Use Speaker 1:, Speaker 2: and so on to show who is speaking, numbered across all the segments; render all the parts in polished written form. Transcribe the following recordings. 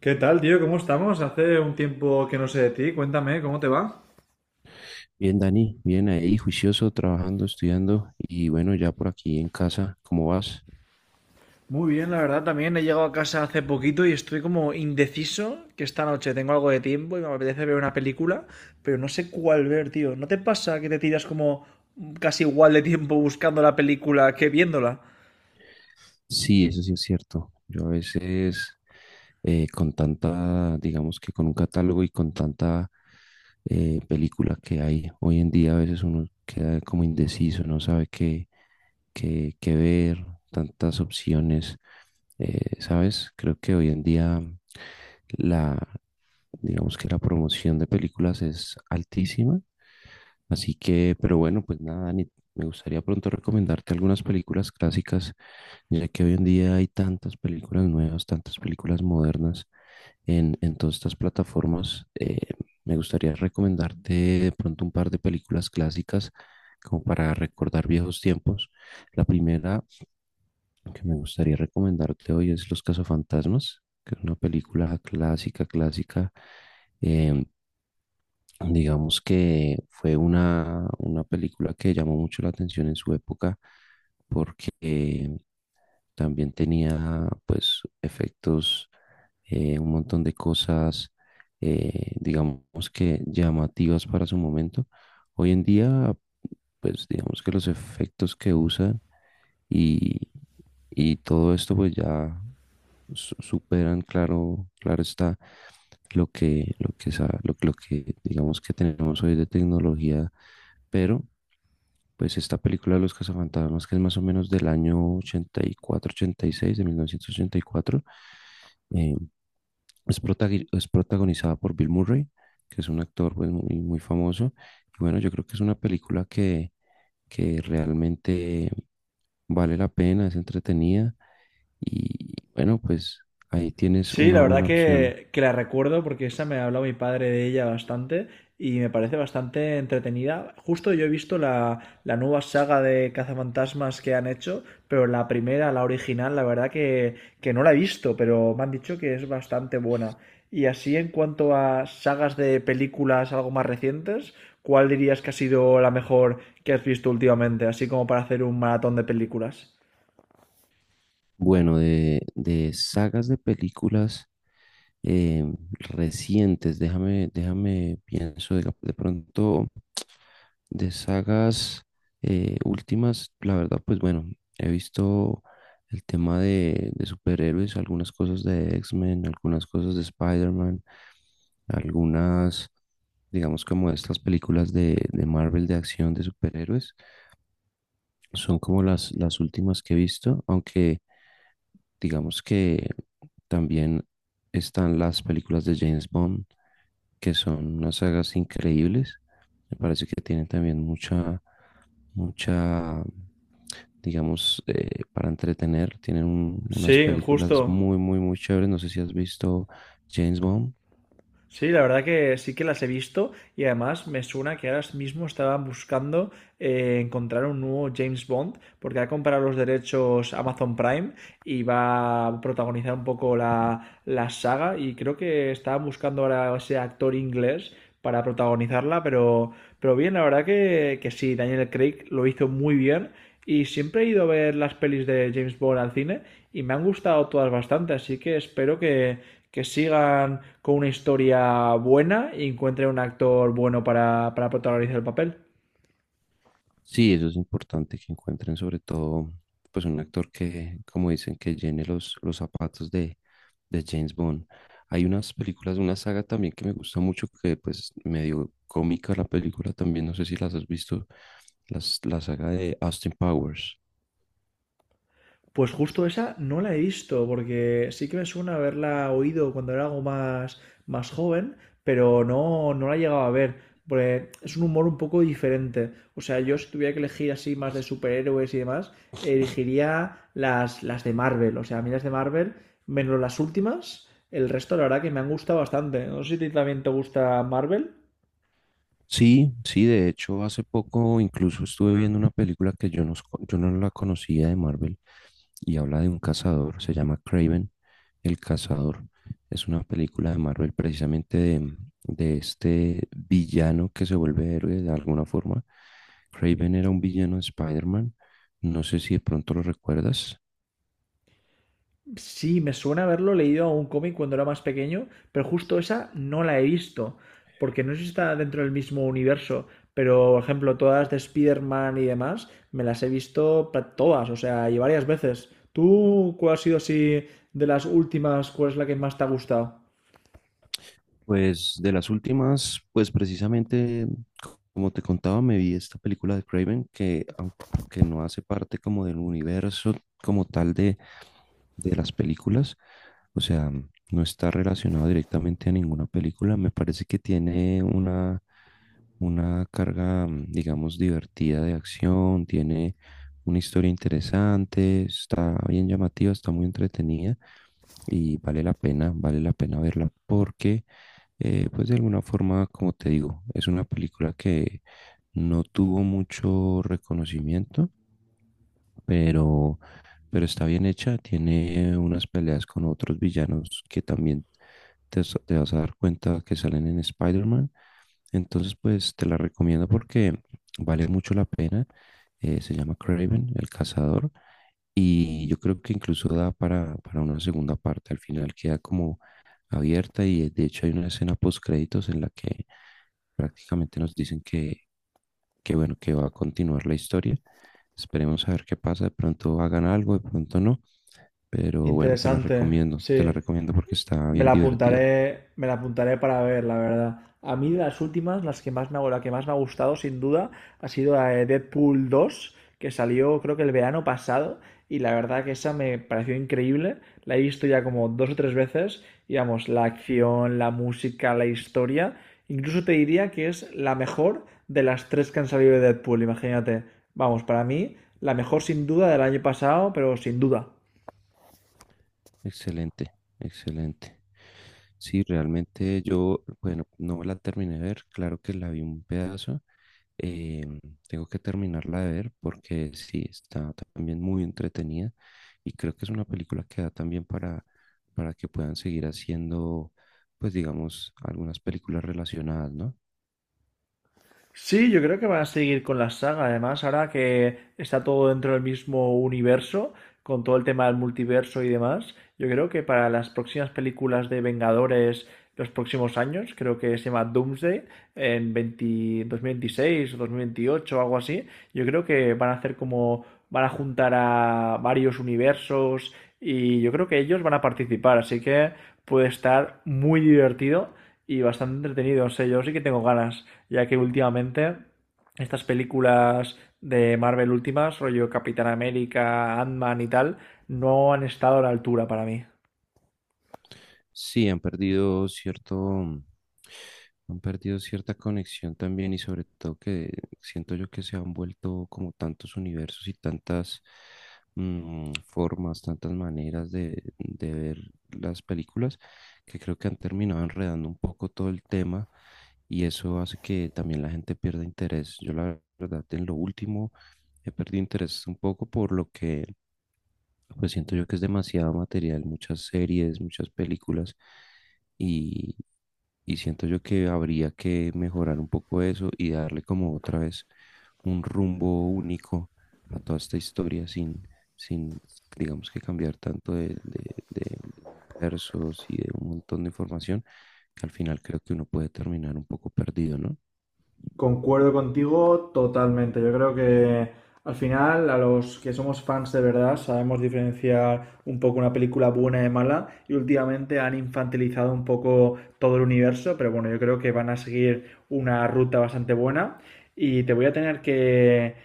Speaker 1: ¿Qué tal, tío? ¿Cómo estamos? Hace un tiempo que no sé de ti. Cuéntame, ¿cómo te va?
Speaker 2: Bien, Dani, bien ahí, juicioso, trabajando, estudiando y bueno, ya por aquí en casa, ¿cómo vas?
Speaker 1: Muy bien, la verdad, también he llegado a casa hace poquito y estoy como indeciso que esta noche tengo algo de tiempo y me apetece ver una película, pero no sé cuál ver, tío. ¿No te pasa que te tiras como casi igual de tiempo buscando la película que viéndola?
Speaker 2: Sí, eso sí es cierto. Yo a veces con tanta, digamos que con un catálogo y con tanta película que hay hoy en día, a veces uno queda como indeciso, no sabe qué, qué ver, tantas opciones, ¿sabes? Creo que hoy en día la, digamos que la promoción de películas es altísima. Así que, pero bueno, pues nada, Dani, me gustaría pronto recomendarte algunas películas clásicas, ya que hoy en día hay tantas películas nuevas, tantas películas modernas en todas estas plataformas. Me gustaría recomendarte de pronto un par de películas clásicas como para recordar viejos tiempos. La primera que me gustaría recomendarte hoy es Los Cazafantasmas, que es una película clásica, clásica. em, Digamos que fue una película que llamó mucho la atención en su época porque también tenía pues efectos, un montón de cosas, digamos que llamativas para su momento. Hoy en día pues digamos que los efectos que usan y, y todo esto pues ya superan, claro, claro está lo que, lo que digamos que tenemos hoy de tecnología, pero pues esta película de Los Cazafantasmas, que es más o menos del año ochenta ochenta y cuatro ochenta y seis de 1984, eh, es, es protagonizada por Bill Murray, que es un actor pues, muy, muy famoso. Y bueno, yo creo que es una película que realmente vale la pena, es entretenida y bueno, pues ahí tienes
Speaker 1: Sí,
Speaker 2: una
Speaker 1: la verdad
Speaker 2: buena opción.
Speaker 1: que la recuerdo porque esa me ha hablado mi padre de ella bastante y me parece bastante entretenida. Justo yo he visto la nueva saga de cazafantasmas que han hecho, pero la primera, la original, la verdad que no la he visto, pero me han dicho que es bastante buena. Y así en cuanto a sagas de películas algo más recientes, ¿cuál dirías que ha sido la mejor que has visto últimamente? Así como para hacer un maratón de películas.
Speaker 2: Bueno, de sagas de películas eh, recientes, déjame, pienso de pronto de sagas últimas, la verdad, pues bueno, he visto el tema de superhéroes, algunas cosas de X-Men, algunas cosas de Spider-Man, algunas digamos como estas películas de Marvel de acción de superhéroes, son como las últimas que he visto, aunque digamos que también están las películas de James Bond, que son unas sagas increíbles. Me parece que tienen también mucha, mucha, digamos, para entretener. Tienen
Speaker 1: Sí,
Speaker 2: unas películas
Speaker 1: justo.
Speaker 2: muy, muy, muy chéveres. No sé si has visto James Bond.
Speaker 1: Sí, la verdad que sí que las he visto y además me suena que ahora mismo estaban buscando encontrar un nuevo James Bond porque ha comprado los derechos Amazon Prime y va a protagonizar un poco la saga y creo que estaban buscando ahora ese actor inglés para protagonizarla, pero bien, la verdad que sí, Daniel Craig lo hizo muy bien y siempre he ido a ver las pelis de James Bond al cine y me han gustado todas bastante, así que espero que sigan con una historia buena y encuentren un actor bueno para protagonizar el papel.
Speaker 2: Sí, eso es importante que encuentren sobre todo pues un actor que, como dicen, que llene los zapatos de James Bond. Hay unas películas, una saga también que me gusta mucho, que pues medio cómica la película también, no sé si las has visto, las, la saga de Austin Powers.
Speaker 1: Pues justo esa no la he visto, porque sí que me suena haberla oído cuando era algo más, más joven, pero no, no la he llegado a ver. Porque es un humor un poco diferente. O sea, yo si tuviera que elegir así más de superhéroes y demás, elegiría las de Marvel. O sea, a mí las de Marvel, menos las últimas, el resto la verdad que me han gustado bastante. No sé si a ti también te gusta Marvel.
Speaker 2: Sí, sí, de hecho hace poco incluso estuve viendo una película que yo no la conocía de Marvel y habla de un cazador, se llama Kraven el Cazador. Es una película de Marvel precisamente de este villano que se vuelve héroe de alguna forma. Kraven era un villano de Spider-Man, no sé si de pronto lo recuerdas.
Speaker 1: Sí, me suena haberlo leído a un cómic cuando era más pequeño, pero justo esa no la he visto, porque no sé si está dentro del mismo universo, pero por ejemplo, todas de Spider-Man y demás, me las he visto todas, o sea, y varias veces. ¿Tú cuál ha sido así de las últimas, cuál es la que más te ha gustado?
Speaker 2: Pues de las últimas, pues precisamente, como te contaba, me vi esta película de Kraven que aunque no hace parte como del universo como tal de las películas. O sea, no está relacionado directamente a ninguna película. Me parece que tiene una carga, mm, digamos, divertida de acción, tiene una historia interesante, está bien llamativa, está muy entretenida y vale la pena verla porque, pues de alguna forma, como te digo, es una película que no tuvo mucho reconocimiento, pero pero está bien hecha. Tiene unas peleas con otros villanos que también te vas a dar cuenta que salen en Spider-Man. Entonces, pues te la recomiendo porque vale mucho la pena. Se llama Kraven el cazador. Y yo creo que incluso da para una segunda parte. Al final queda como abierta y de hecho hay una escena post créditos en la que prácticamente nos dicen que bueno, que va a continuar la historia. Esperemos a ver qué pasa. De pronto hagan algo, de pronto no. Pero bueno,
Speaker 1: Interesante,
Speaker 2: te la
Speaker 1: sí.
Speaker 2: recomiendo porque está bien divertida.
Speaker 1: Me la apuntaré para ver, la verdad. A mí de las últimas, las que más me, ha- la que más me ha gustado, sin duda, ha sido la de Deadpool dos que salió creo que el verano pasado, y la verdad que esa me pareció increíble. La he visto ya como dos o tres veces, y vamos, la acción, la música, la historia, incluso te diría que es la mejor de las tres que han salido de Deadpool, imagínate. Vamos, para mí, la mejor sin duda del año pasado, pero sin duda.
Speaker 2: Excelente, excelente. Sí, realmente yo, bueno, no me la terminé de ver, claro que la vi un pedazo. eh, Tengo que terminarla de ver porque sí, está también muy entretenida y creo que es una película que da también para que puedan seguir haciendo, pues digamos, algunas películas relacionadas, ¿no?
Speaker 1: Sí, yo creo que van a seguir con la saga. Además, ahora que está todo dentro del mismo universo, con todo el tema del multiverso y demás, yo creo que para las próximas películas de Vengadores, los próximos años, creo que se llama Doomsday, en veinte dos mil 2026 o dos mil o algo así, yo creo que van a hacer como, van a juntar a varios universos y yo creo que ellos van a participar. Así que puede estar muy divertido y bastante entretenido. No sé, yo sí que tengo ganas ya que últimamente estas películas de Marvel últimas, rollo Capitán América, Ant-Man y tal, no han estado a la altura para mí.
Speaker 2: Sí, han perdido cierto, mm, han perdido cierta conexión también y sobre todo que siento yo que se han vuelto como tantos universos y tantas formas, tantas maneras de ver las películas que creo que han terminado enredando un poco todo el tema y eso hace que también la gente pierda interés. Yo la verdad en lo último he perdido interés un poco por lo que pues siento yo que es demasiado material, muchas series, muchas películas y, y siento yo que habría que mejorar un poco eso y darle como otra vez un rumbo único a toda esta historia sin digamos que cambiar tanto de universos y de un montón de información que al final creo que uno puede terminar un poco perdido, ¿no?
Speaker 1: Concuerdo contigo totalmente. Yo creo que al final a los que somos fans de verdad sabemos diferenciar un poco una película buena de mala y últimamente han infantilizado un poco todo el universo, pero bueno, yo creo que van a seguir una ruta bastante buena y te voy a tener que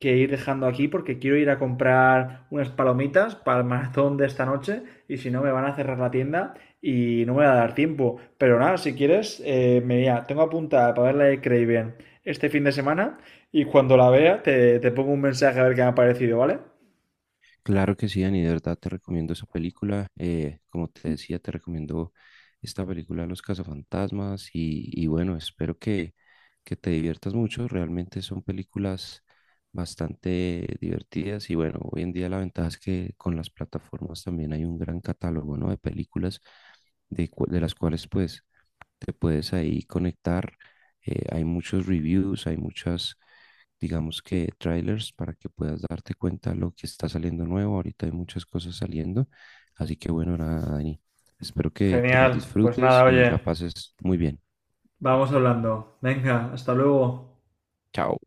Speaker 1: que ir dejando aquí porque quiero ir a comprar unas palomitas para el maratón de esta noche y si no me van a cerrar la tienda y no me va a dar tiempo. Pero nada, si quieres, mira, tengo apuntada para ver la de Craven este fin de semana y cuando la vea te, te pongo un mensaje a ver qué me ha parecido, ¿vale?
Speaker 2: Claro que sí, Dani, de verdad te recomiendo esa película. Como te decía, te recomiendo esta película Los Cazafantasmas y bueno, espero que te diviertas mucho. Realmente son películas bastante divertidas y bueno, hoy en día la ventaja es que con las plataformas también hay un gran catálogo, ¿no? de películas de, de las cuales pues te puedes ahí conectar. Hay muchos reviews, hay muchas digamos que trailers para que puedas darte cuenta lo que está saliendo nuevo. Ahorita hay muchas cosas saliendo, así que bueno, nada, Dani. Espero que te las
Speaker 1: Genial, pues
Speaker 2: disfrutes
Speaker 1: nada,
Speaker 2: y
Speaker 1: oye,
Speaker 2: la pases muy bien.
Speaker 1: vamos hablando. Venga, hasta luego.
Speaker 2: Chao.